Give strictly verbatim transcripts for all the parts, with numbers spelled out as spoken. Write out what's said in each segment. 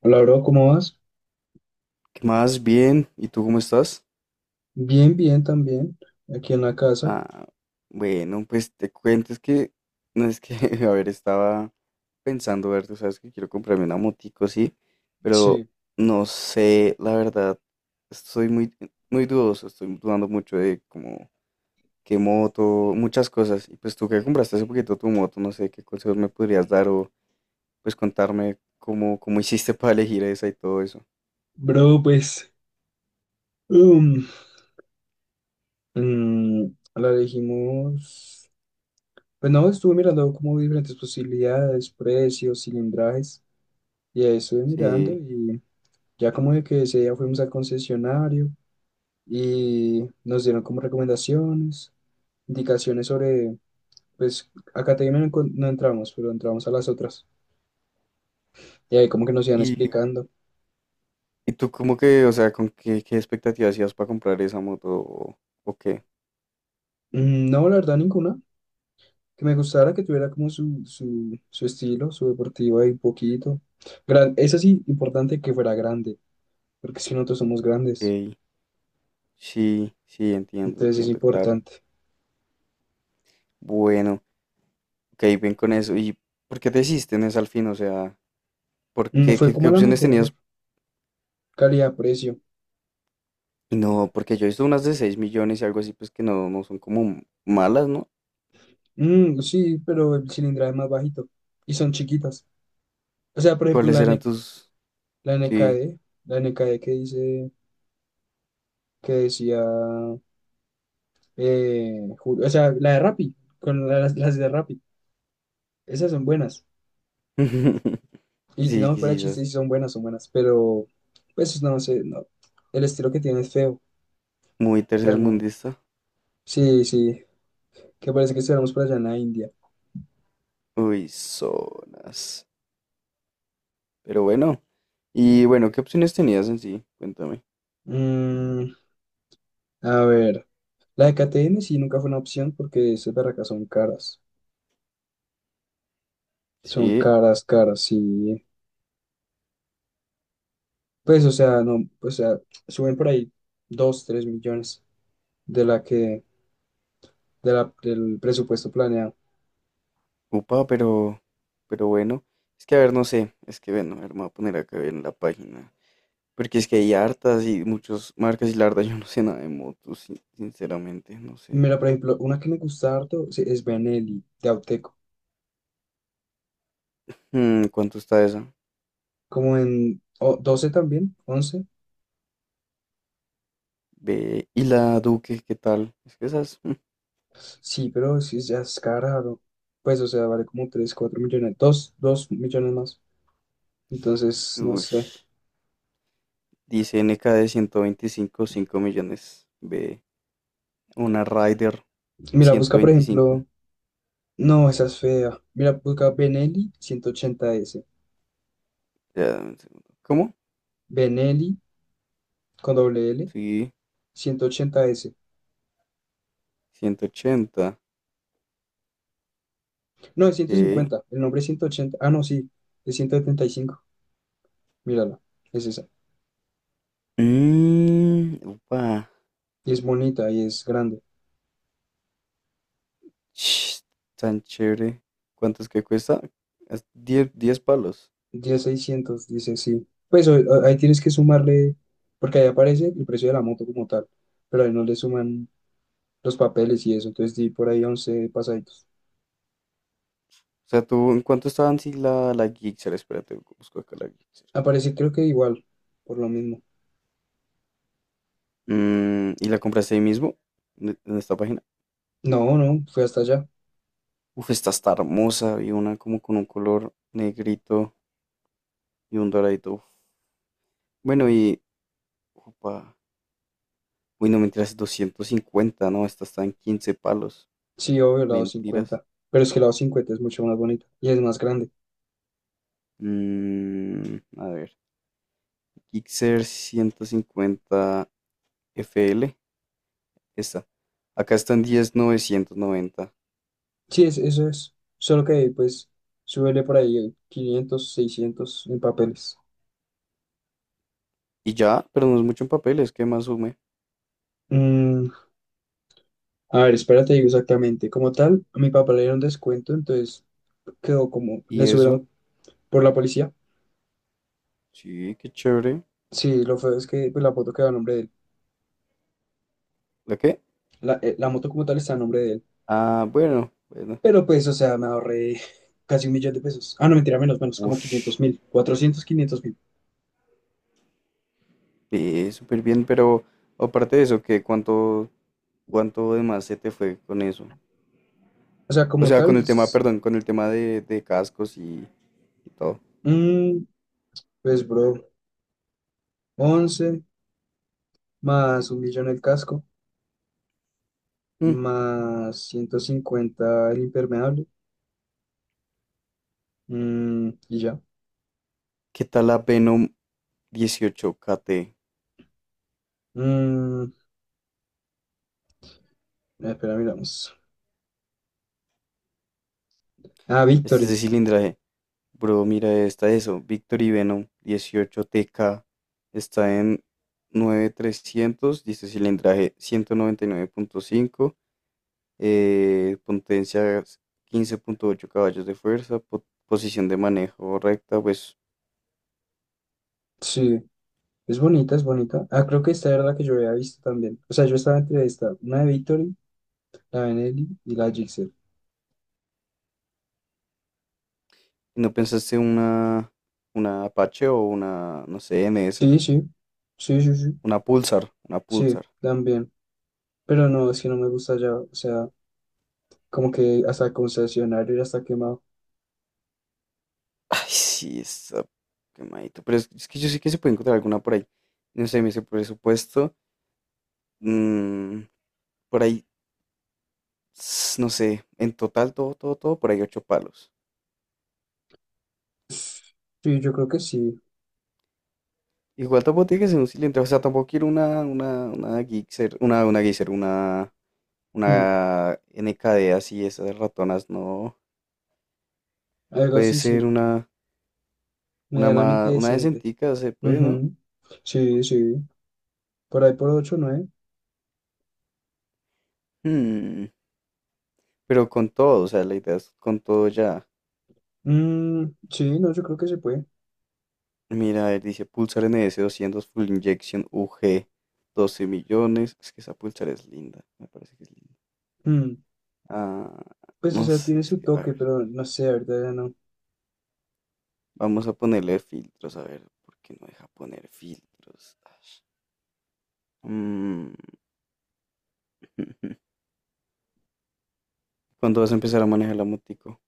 Hola, bro, ¿cómo vas? ¿Qué más? Bien. ¿Y tú cómo estás? Bien, bien, también, aquí en la casa. Ah, bueno, pues te cuento, es que, no es que, a ver, estaba pensando, ver, tú sabes que quiero comprarme una motico, sí, pero Sí, no sé, la verdad, estoy muy, muy dudoso, estoy dudando mucho de como qué moto, muchas cosas. Y pues tú que compraste hace poquito tu moto, no sé, qué consejos me podrías dar o pues contarme cómo, cómo hiciste para elegir esa y todo eso. bro, pues, um, mm, la elegimos, pues no, estuve mirando como diferentes posibilidades, precios, cilindrajes, y ahí estuve mirando Sí. y ya como de que ese día fuimos al concesionario y nos dieron como recomendaciones, indicaciones sobre, pues, acá te no encon- no entramos, pero entramos a las otras, y ahí como que nos iban explicando. ¿Y tú cómo que, o sea, con qué, qué expectativas hacías para comprar esa moto o, o qué? Mm, no, la verdad, ninguna. Que me gustara, que tuviera como su, su, su estilo, su deportivo ahí un poquito. Gran, eso sí, importante que fuera grande, porque si nosotros somos grandes, Ok, sí, sí, entiendo, entonces es entiendo, claro. importante. Bueno, ok, bien con eso. ¿Y por qué te hiciste en esa al fin? O sea, ¿por Mm, qué, fue qué, qué como la opciones mejor tenías? calidad-precio. No, porque yo he visto unas de seis millones y algo así, pues que no, no son como malas, ¿no? Mm, sí, pero el cilindraje es más bajito y son chiquitas. O sea, por ejemplo, ¿Cuáles la, eran N- tus...? la Sí. N K D, la N K D que dice, que decía, eh, Ju- o sea, la de Rappi, con las, las de Rappi, esas son buenas. Y Sí, no, fuera de chiste, quizás. sí son buenas, son buenas, pero pues no sé, no. El estilo que tiene es feo. Muy O sea, no. tercermundista. Sí, sí, que parece que estuviéramos por allá en la India. Uy, zonas. Pero bueno. Y bueno, ¿qué opciones tenías en sí? Cuéntame. Mm, a ver, la de K T M sí nunca fue una opción porque esas barracas son caras. Son Sí. caras, caras, sí. Pues, o sea, no, o sea, suben por ahí dos tres millones de la que, de la, del presupuesto planeado. Upa, pero, pero bueno, es que a ver, no sé, es que bueno, a ver, me voy a poner acá en la página, porque es que hay hartas y muchas marcas y la verdad yo no sé nada de motos, sin- sinceramente, no sé. Mira, por ejemplo, una que me gusta harto sí, es Benelli, de Auteco. Mm, ¿cuánto está esa? Como en o- doce también, once. Ve, y la Duque, ¿qué tal? Es que esas, Sí, pero sí, ya es caro. Pues, o sea, vale como tres cuatro millones, dos dos millones más. Entonces, no sé. ush, dice N K de ciento veinticinco, cinco millones, ve, una Rider Mira, ciento busca, por veinticinco ejemplo, no, esa es fea. Mira, busca Benelli ciento ochenta s. Ya, dame un segundo, ¿cómo? Benelli con doble L, Sí, ciento ochenta s. ciento ochenta, No, es ciento ok. cincuenta El nombre es ciento ochenta. Ah, no, sí, es ciento setenta y cinco. Mírala, es esa. Mmm. Y es bonita y es grande. Ch, tan chévere. ¿Cuánto es que cuesta? Es diez, 10 palos. Diez seiscientos dice, sí. Pues o- o- ahí tienes que sumarle, porque ahí aparece el precio de la moto como tal, pero ahí no le suman los papeles y eso, entonces di por ahí once pasaditos. O sea, tú, ¿en cuánto estaban si la, la Gixxer? Espérate, busco acá la Gixxer. Aparecí creo que igual, por lo mismo. Mm, ¿y la compraste ahí mismo? ¿En en esta página? No, no, fue hasta allá. Uf, esta está hermosa. Y una como con un color negrito y un doradito. Uf. Bueno, y... Opa. Uy, no, mentiras, doscientos cincuenta, ¿no? Esta está en quince palos. Sí, obvio, lado Mentiras. cincuenta, pero es que lado cincuenta es mucho más bonito y es más grande. Mm, a ver. Gixxer ciento cincuenta F L. Esta. Acá están diez mil novecientos noventa. Sí, es, eso es, solo que pues súbele por ahí quinientos seiscientos en papeles. Y ya, pero no es mucho en papeles, ¿qué más sume? Mm, a ver, espérate, digo exactamente. Como tal, a mi papá le dieron descuento, entonces quedó como, le Y eso, subieron por la policía. sí, qué chévere. Sí, lo feo es que pues la foto quedó a nombre de él. ¿La qué? La, eh, la moto como tal está a nombre de él. Ah, bueno, bueno. Pero pues, o sea, me ahorré casi un millón de pesos. Ah, no, mentira, menos, menos, como Ush, quinientos mil, cuatrocientos quinientos mil. ve súper bien, pero aparte de eso, ¿qué? ¿Cuánto, cuánto de más se te fue con eso? O sea, O como sea, con tal, el tema, es, perdón, con el tema de, de cascos y, y todo. mm, pues, bro, once más un millón el casco, Mm, más ciento cincuenta el impermeable, mm, y ya. ¿qué tal la Venom dieciocho K T? Mm, espera, miramos. Ah, Este es Victory, de cilindraje. Bro, mira, esta eso. Victor y Venom dieciocho T K está en nueve mil trescientos, dice cilindraje ciento noventa y nueve punto cinco, eh, potencia quince punto ocho caballos de fuerza, po- posición de manejo recta. Pues, sí, es bonita, es bonita. Ah, creo que esta era la que yo había visto también. O sea, yo estaba entre esta, una de Victory, la Benelli y la Gixxer. ¿y no pensaste una, una Apache o una, no sé, N S? Sí, sí, sí, sí, sí, Una Pulsar, una sí, Pulsar. también. Pero no, es que no me gusta ya, o sea, como que hasta el concesionario ya está quemado. Ay, sí, está quemadito. Pero es, es que yo sé que se puede encontrar alguna por ahí. No sé, me dice presupuesto. mm, por ahí s- no sé, en total todo, todo, todo, por ahí ocho palos. Sí, yo creo que sí. Igual tampoco tiene que ser un cilindro, o sea, tampoco quiero una, una, una Gixxer, una, una Gixxer, una, Mm, una N K D así, esas ratonas, no. algo Puede así, sí. ser una, una Medianamente más, una decente. decentica, se puede, ¿no? Ujú. Sí, sí. Por ahí por ocho nueve. Hmm, Pero con todo, o sea, la idea es con todo ya. Mm, sí, no, yo creo que se puede. Mira, él dice Pulsar N S doscientos Full Injection U G, doce millones. Es que esa Pulsar es linda, me parece que es linda. Mm, Ah, pues, o no sea, sé, tiene es su que, a toque, ver. pero no sé, ahorita ya no. Vamos a ponerle filtros, a ver, ¿por qué no deja poner filtros? Ash. Mm. ¿Cuándo vas a empezar a manejar la motico?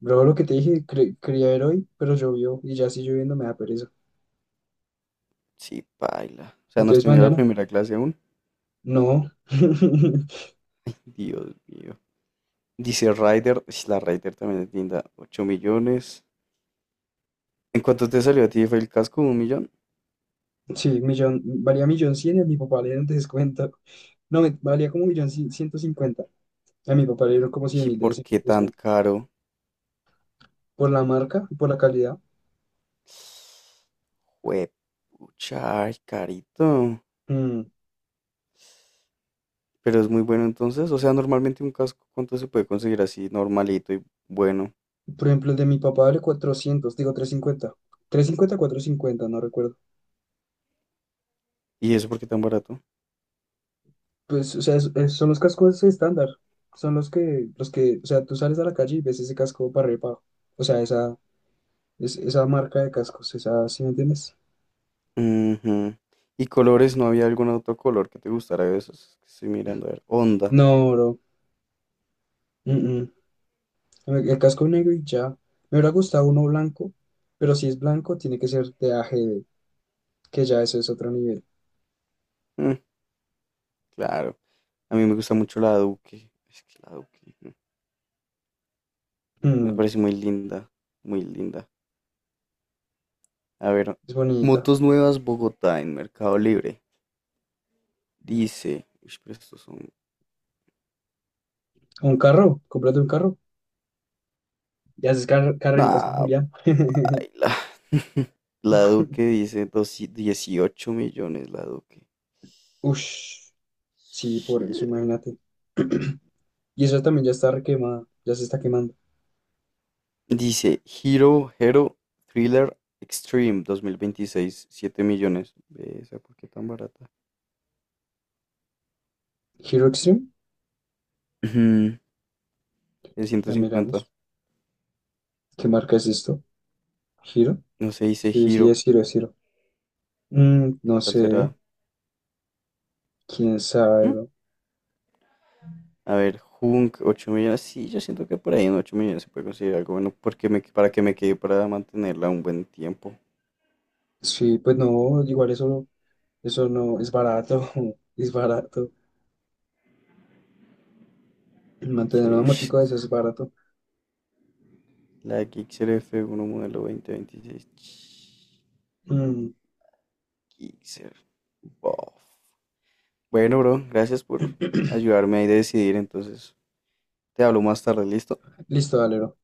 Luego lo que te dije, cre- quería ver hoy, pero llovió y ya si lloviendo me da pereza. Sí, paila. O sea, ¿no has Entonces tenido la mañana, primera clase aún? no. Dios mío. Dice rider ish, la rider también es linda, ocho millones. ¿En cuánto te salió a ti? ¿Fue el casco? ¿Un millón? Sí, millón, valía millón cien y a mi papá le dieron descuento. No, me- valía como millón cien- ciento cincuenta. A mi papá le dieron como cien ¿Y mil de por des- qué tan descuento. caro? Por la marca, por la calidad. Juepucha, ay, carito. Mm, Pero es muy bueno entonces. O sea, normalmente un casco, ¿cuánto se puede conseguir así normalito y bueno? por ejemplo, el de mi papá vale cuatrocientos digo trescientos cincuenta, trescientos cincuenta, trescientos cincuenta, cincuenta no recuerdo. ¿Y eso por qué tan barato? Pues, o sea, es- es- son los cascos estándar. Son los que, los que, o sea, tú sales a la calle y ves ese casco para arriba y para abajo. O sea, esa, es- esa marca de cascos, esa, ¿sí me entiendes? Ujú. ¿Y colores? ¿No había algún otro color que te gustara de esos? Que estoy mirando a ver. Onda. No, bro. mm, mm. El el casco negro y ya. Me hubiera gustado uno blanco, pero si es blanco, tiene que ser de A G D, que ya eso es otro nivel. Mm, claro. A mí me gusta mucho la Duque. Es que la Duque mm, me Mm, parece muy linda. Muy linda. A ver. es bonita. Motos nuevas Bogotá en Mercado Libre. Dice. Uy, pero estos son. Un carro, cómprate un carro. Y haces car- carreritas con Nah, Julián. baila. La Duque dice doci- dieciocho millones. La Duque. Ush, sí, por eso, imagínate. Y eso también ya está requemada, ya se está quemando. Dice Hero Hero Thriller Extreme dos mil veintiséis, siete millones. Ve esa, ¿por qué tan barata? Hero Extreme, Ujú. El ciento ya cincuenta miramos. ¿Qué marca es esto? ¿Hero? No sé, dice Sí, sí, Hero. es Hero, es Hero. Mm, ¿Qué no tal sé, será? quién sabe, ¿Mm? bro. A ver, Hunk, ocho millones. Sí, yo siento que por ahí en ocho millones se puede conseguir algo bueno porque me, para que me quede para mantenerla un buen tiempo. Sí, pues no, igual eso. Eso no es barato, es barato. Sí, Mantener una ush, motico de eso es barato. la Gixxer F uno modelo dos mil veintiséis. Ch, Mm. Gixxer. Bof. Bueno, bro, gracias por ayudarme ahí a decidir entonces. Te hablo más tarde, ¿listo? Listo, Valero.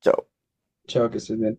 Chao. Chao, que estés bien.